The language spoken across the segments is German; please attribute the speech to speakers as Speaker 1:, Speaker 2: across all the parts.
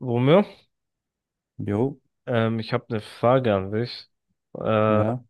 Speaker 1: Romeo,
Speaker 2: Jo,
Speaker 1: ich habe eine Frage an dich. Äh,
Speaker 2: ja.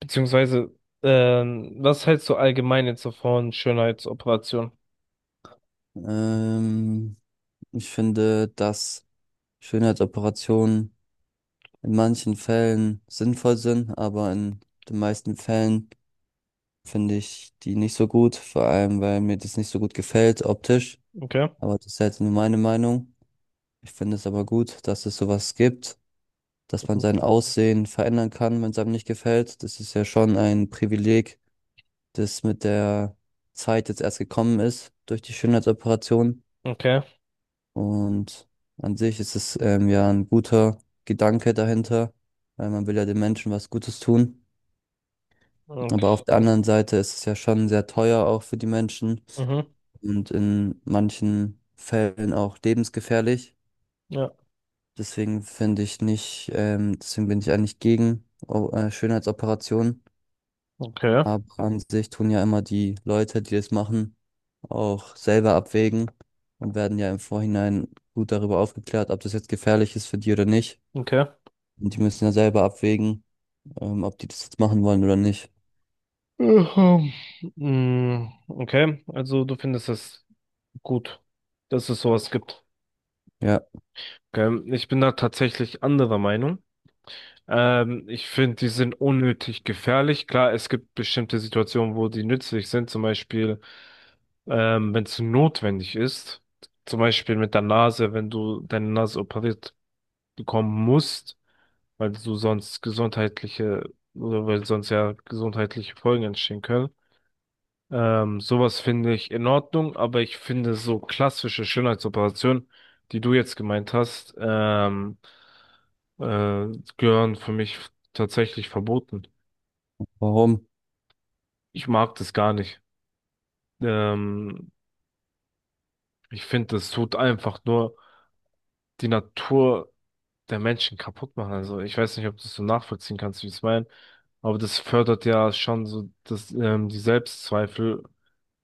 Speaker 1: Beziehungsweise, was hältst du allgemein jetzt so von Schönheitsoperationen?
Speaker 2: Ähm, Ich finde, dass Schönheitsoperationen in manchen Fällen sinnvoll sind, aber in den meisten Fällen finde ich die nicht so gut, vor allem weil mir das nicht so gut gefällt optisch.
Speaker 1: Okay.
Speaker 2: Aber das ist jetzt nur meine Meinung. Ich finde es aber gut, dass es sowas gibt, dass man
Speaker 1: Mhm.
Speaker 2: sein Aussehen verändern kann, wenn es einem nicht gefällt. Das ist ja schon ein Privileg, das mit der Zeit jetzt erst gekommen ist durch die Schönheitsoperation.
Speaker 1: Okay.
Speaker 2: Und an sich ist es ja ein guter Gedanke dahinter, weil man will ja den Menschen was Gutes tun. Aber
Speaker 1: Okay.
Speaker 2: auf der anderen Seite ist es ja schon sehr teuer auch für die Menschen
Speaker 1: Mhm.
Speaker 2: und in manchen Fällen auch lebensgefährlich.
Speaker 1: Ja.
Speaker 2: Deswegen finde ich nicht, deswegen bin ich eigentlich gegen Schönheitsoperationen.
Speaker 1: Okay.
Speaker 2: Aber an sich tun ja immer die Leute, die das machen, auch selber abwägen und werden ja im Vorhinein gut darüber aufgeklärt, ob das jetzt gefährlich ist für die oder nicht.
Speaker 1: Okay.
Speaker 2: Und die müssen ja selber abwägen, ob die das jetzt machen wollen oder nicht.
Speaker 1: Mhm. Mm, okay. Also du findest es gut, dass es sowas gibt.
Speaker 2: Ja,
Speaker 1: Okay. Ich bin da tatsächlich anderer Meinung. Ich finde, die sind unnötig gefährlich. Klar, es gibt bestimmte Situationen, wo die nützlich sind. Zum Beispiel, wenn es notwendig ist. Zum Beispiel mit der Nase, wenn du deine Nase operiert bekommen musst, weil du sonst gesundheitliche oder weil sonst ja gesundheitliche Folgen entstehen können. Sowas finde ich in Ordnung, aber ich finde so klassische Schönheitsoperationen, die du jetzt gemeint hast, äh, gehören für mich tatsächlich verboten.
Speaker 2: warum?
Speaker 1: Ich mag das gar nicht. Ähm, Ich finde, das tut einfach nur die Natur der Menschen kaputt machen. Also ich weiß nicht, ob du es so nachvollziehen kannst, wie ich es meine, aber das fördert ja schon so das, die Selbstzweifel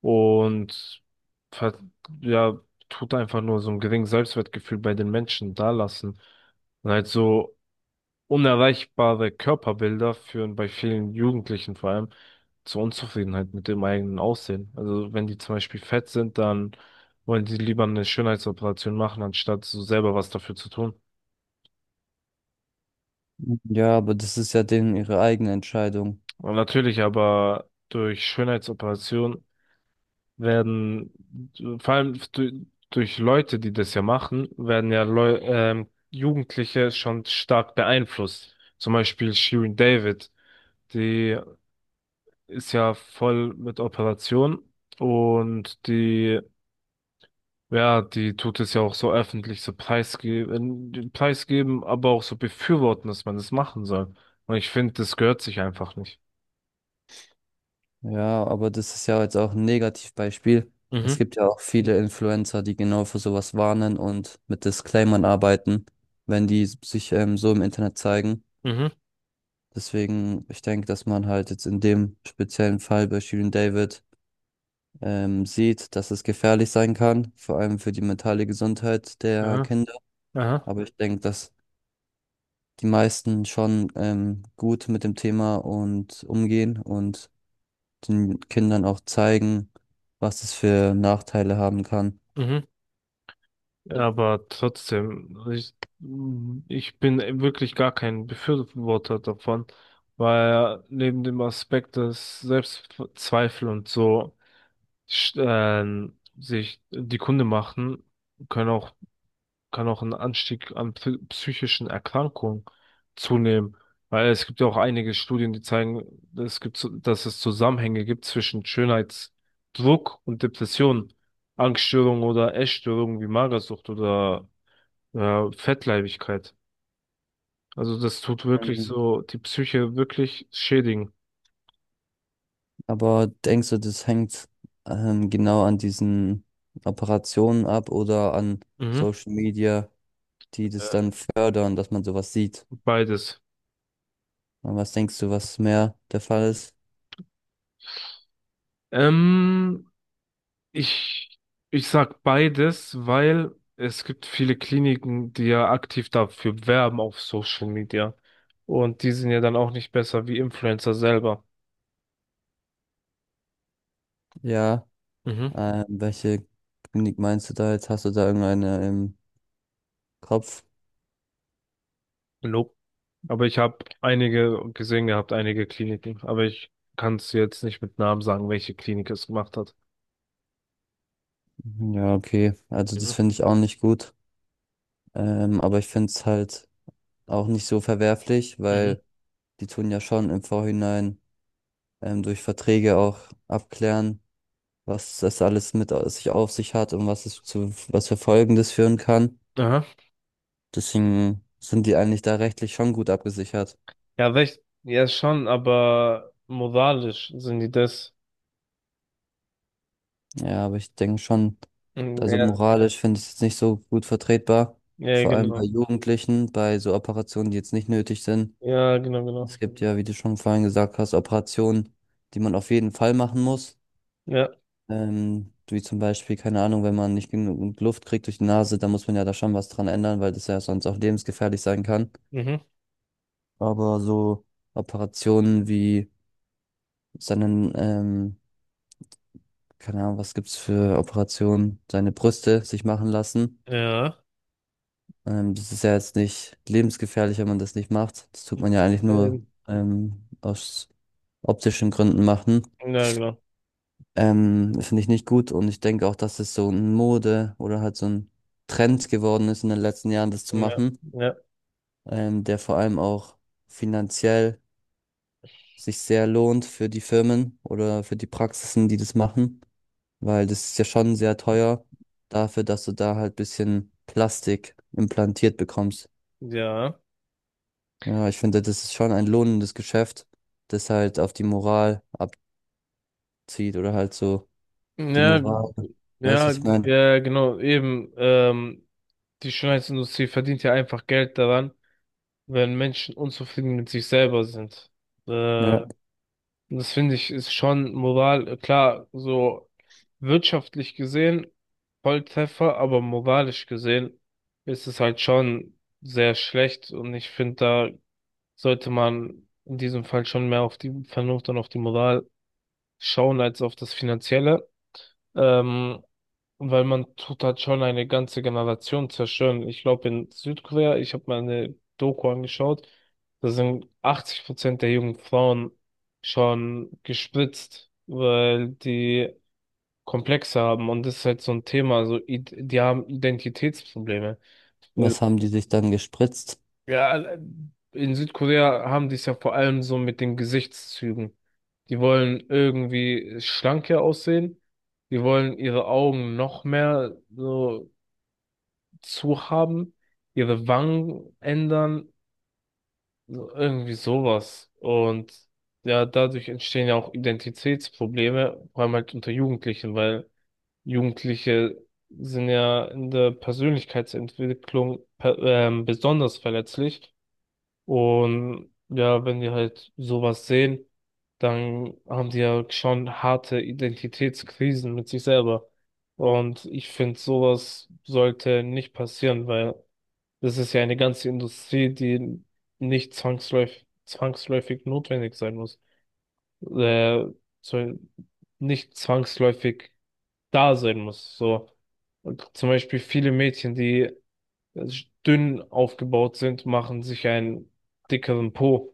Speaker 1: und ver- ja, tut einfach nur so ein geringes Selbstwertgefühl bei den Menschen dalassen. Und halt so unerreichbare Körperbilder führen bei vielen Jugendlichen vor allem zur Unzufriedenheit mit dem eigenen Aussehen. Also wenn die zum Beispiel fett sind, dann wollen die lieber eine Schönheitsoperation machen, anstatt so selber was dafür zu tun.
Speaker 2: Ja, aber das ist ja denen ihre eigene Entscheidung.
Speaker 1: Und natürlich aber durch Schönheitsoperationen werden, vor allem durch Leute, die das ja machen, werden ja Leu Jugendliche schon stark beeinflusst. Zum Beispiel Shirin David, die ist ja voll mit Operation und die, ja, die tut es ja auch so öffentlich so preisgeben, preisgeben, aber auch so befürworten, dass man das machen soll. Und ich finde, das gehört sich einfach nicht.
Speaker 2: Ja, aber das ist ja jetzt auch ein Negativbeispiel. Es
Speaker 1: Mhm,
Speaker 2: gibt ja auch viele Influencer, die genau für sowas warnen und mit Disclaimern arbeiten, wenn die sich so im Internet zeigen.
Speaker 1: mhm,
Speaker 2: Deswegen, ich denke, dass man halt jetzt in dem speziellen Fall bei Shirin David sieht, dass es gefährlich sein kann, vor allem für die mentale Gesundheit der
Speaker 1: aha,
Speaker 2: Kinder.
Speaker 1: aha,
Speaker 2: Aber ich denke, dass die meisten schon gut mit dem Thema und umgehen und den Kindern auch zeigen, was es für Nachteile haben kann.
Speaker 1: mhm. Ja, aber trotzdem, ich bin wirklich gar kein Befürworter davon, weil neben dem Aspekt, dass Selbstzweifel und so sich die Kunde machen, können auch, kann auch ein Anstieg an psychischen Erkrankungen zunehmen. Weil es gibt ja auch einige Studien, die zeigen, dass es Zusammenhänge gibt zwischen Schönheitsdruck und Depressionen. Angststörungen oder Essstörungen wie Magersucht oder ja, Fettleibigkeit. Also das tut wirklich
Speaker 2: Mhm.
Speaker 1: so die Psyche wirklich schädigen.
Speaker 2: Aber denkst du, das hängt genau an diesen Operationen ab oder an
Speaker 1: Mhm.
Speaker 2: Social Media, die das
Speaker 1: Äh,
Speaker 2: dann fördern, dass man sowas sieht?
Speaker 1: Beides.
Speaker 2: Und was denkst du, was mehr der Fall ist?
Speaker 1: Ähm, ich, ich sag beides, weil es gibt viele Kliniken, die ja aktiv dafür werben auf Social Media. Und die sind ja dann auch nicht besser wie Influencer selber.
Speaker 2: Ja,
Speaker 1: Mhm.
Speaker 2: welche Klinik meinst du da jetzt? Hast du da irgendeine im Kopf?
Speaker 1: Nope. Aber ich habe einige gesehen gehabt, einige Kliniken. Aber ich kann es jetzt nicht mit Namen sagen, welche Klinik es gemacht hat.
Speaker 2: Ja, okay. Also das
Speaker 1: Mhm.
Speaker 2: finde ich auch nicht gut. Aber ich finde es halt auch nicht so verwerflich,
Speaker 1: Mhm.
Speaker 2: weil die tun ja schon im Vorhinein durch Verträge auch abklären, was das alles sich auf sich hat und was es zu was für Folgen das führen kann.
Speaker 1: Aha.
Speaker 2: Deswegen sind die eigentlich da rechtlich schon gut abgesichert.
Speaker 1: Ja, recht, ja schon, aber moralisch sind die das.
Speaker 2: Ja, aber ich denke schon,
Speaker 1: Mhm,
Speaker 2: also
Speaker 1: ja,
Speaker 2: moralisch finde ich es jetzt nicht so gut vertretbar.
Speaker 1: ja,
Speaker 2: Vor allem bei
Speaker 1: genau.
Speaker 2: Jugendlichen, bei so Operationen, die jetzt nicht nötig sind.
Speaker 1: Ja, genau, genau.
Speaker 2: Es gibt ja, wie du schon vorhin gesagt hast, Operationen, die man auf jeden Fall machen muss.
Speaker 1: Ja,
Speaker 2: Wie zum Beispiel, keine Ahnung, wenn man nicht genug Luft kriegt durch die Nase, dann muss man ja da schon was dran ändern, weil das ja sonst auch lebensgefährlich sein kann.
Speaker 1: mhm.
Speaker 2: Aber so Operationen wie seinen, ähm, keine Ahnung, was gibt's für Operationen, seine Brüste sich machen lassen.
Speaker 1: Ja.
Speaker 2: Das ist ja jetzt nicht lebensgefährlich, wenn man das nicht macht. Das tut man ja eigentlich nur
Speaker 1: Ähm,
Speaker 2: aus optischen Gründen machen.
Speaker 1: ja, genau.
Speaker 2: Das finde ich nicht gut und ich denke auch, dass es so ein Mode oder halt so ein Trend geworden ist in den letzten Jahren, das zu
Speaker 1: Ja,
Speaker 2: machen,
Speaker 1: ja,
Speaker 2: der vor allem auch finanziell sich sehr lohnt für die Firmen oder für die Praxisen, die das machen, weil das ist ja schon sehr teuer dafür, dass du da halt bisschen Plastik implantiert bekommst.
Speaker 1: ja.
Speaker 2: Ja, ich finde, das ist schon ein lohnendes Geschäft, das halt auf die Moral abzieht oder halt so die
Speaker 1: Ja,
Speaker 2: Moral, weißt du,
Speaker 1: ja,
Speaker 2: was ich meine?
Speaker 1: ja, genau, eben. Die Schönheitsindustrie verdient ja einfach Geld daran, wenn Menschen unzufrieden mit sich selber sind. Äh,
Speaker 2: Ja.
Speaker 1: Das finde ich ist schon klar, so wirtschaftlich gesehen Volltreffer, aber moralisch gesehen ist es halt schon sehr schlecht und ich finde, da sollte man in diesem Fall schon mehr auf die Vernunft und auf die Moral schauen als auf das Finanzielle. Ähm, Weil man tut halt schon eine ganze Generation zerstören. Ich glaube, in Südkorea, ich habe mal eine Doku angeschaut, da sind 80% der jungen Frauen schon gespritzt, weil die Komplexe haben und das ist halt so ein Thema. Also, die haben Identitätsprobleme. Äh,
Speaker 2: Was haben die sich dann gespritzt?
Speaker 1: ja, also, in Südkorea haben die es ja vor allem so mit den Gesichtszügen. Die wollen irgendwie schlanker aussehen. Die wollen ihre Augen noch mehr so zu haben, ihre Wangen ändern, so irgendwie sowas. Und ja, dadurch entstehen ja auch Identitätsprobleme, vor allem halt unter Jugendlichen, weil Jugendliche sind ja in der Persönlichkeitsentwicklung besonders verletzlich. Und ja, wenn die halt sowas sehen, dann haben die ja schon harte Identitätskrisen mit sich selber. Und ich finde, sowas sollte nicht passieren, weil das ist ja eine ganze Industrie, die nicht zwangsläufig notwendig sein muss. Äh, Soll nicht zwangsläufig da sein muss. So. Und zum Beispiel viele Mädchen, die äh, dünn aufgebaut sind, machen sich einen dickeren Po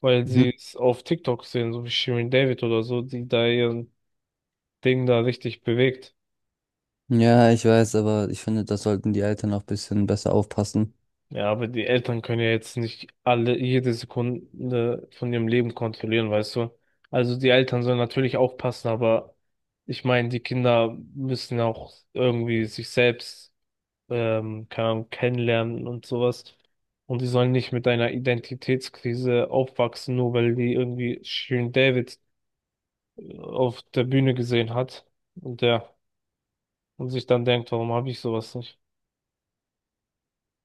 Speaker 1: weil
Speaker 2: Mhm.
Speaker 1: sie es auf TikTok sehen, so wie Shirin David oder so, die da ihr Ding da richtig bewegt.
Speaker 2: Ja, ich weiß, aber ich finde, da sollten die Eltern auch ein bisschen besser aufpassen.
Speaker 1: Ja, aber die Eltern können ja jetzt nicht alle, jede Sekunde von ihrem Leben kontrollieren, weißt du? Also die Eltern sollen natürlich aufpassen, aber ich meine, die Kinder müssen auch irgendwie sich selbst, keine Ahnung, kennenlernen und sowas. Und die sollen nicht mit einer Identitätskrise aufwachsen, nur weil die irgendwie Shirin David auf der Bühne gesehen hat. Und ja. Und sich dann denkt, warum habe ich sowas nicht?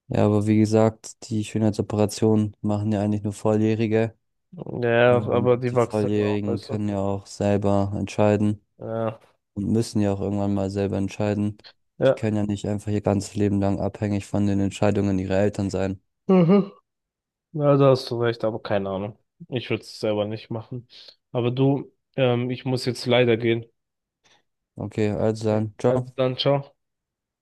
Speaker 2: Ja, aber wie gesagt, die Schönheitsoperationen machen ja eigentlich nur Volljährige.
Speaker 1: Ja,
Speaker 2: Und
Speaker 1: aber die
Speaker 2: die
Speaker 1: wachsen ja auch,
Speaker 2: Volljährigen
Speaker 1: weißt du?
Speaker 2: können ja auch selber entscheiden
Speaker 1: Ja,
Speaker 2: und müssen ja auch irgendwann mal selber entscheiden. Die
Speaker 1: ja.
Speaker 2: können ja nicht einfach ihr ganzes Leben lang abhängig von den Entscheidungen ihrer Eltern sein.
Speaker 1: Mhm. Ja, da hast du recht, aber keine Ahnung. Ich würde es selber nicht machen. Aber du, ich muss jetzt leider gehen.
Speaker 2: Okay, also
Speaker 1: Okay.
Speaker 2: dann,
Speaker 1: Also
Speaker 2: ciao.
Speaker 1: dann, ciao.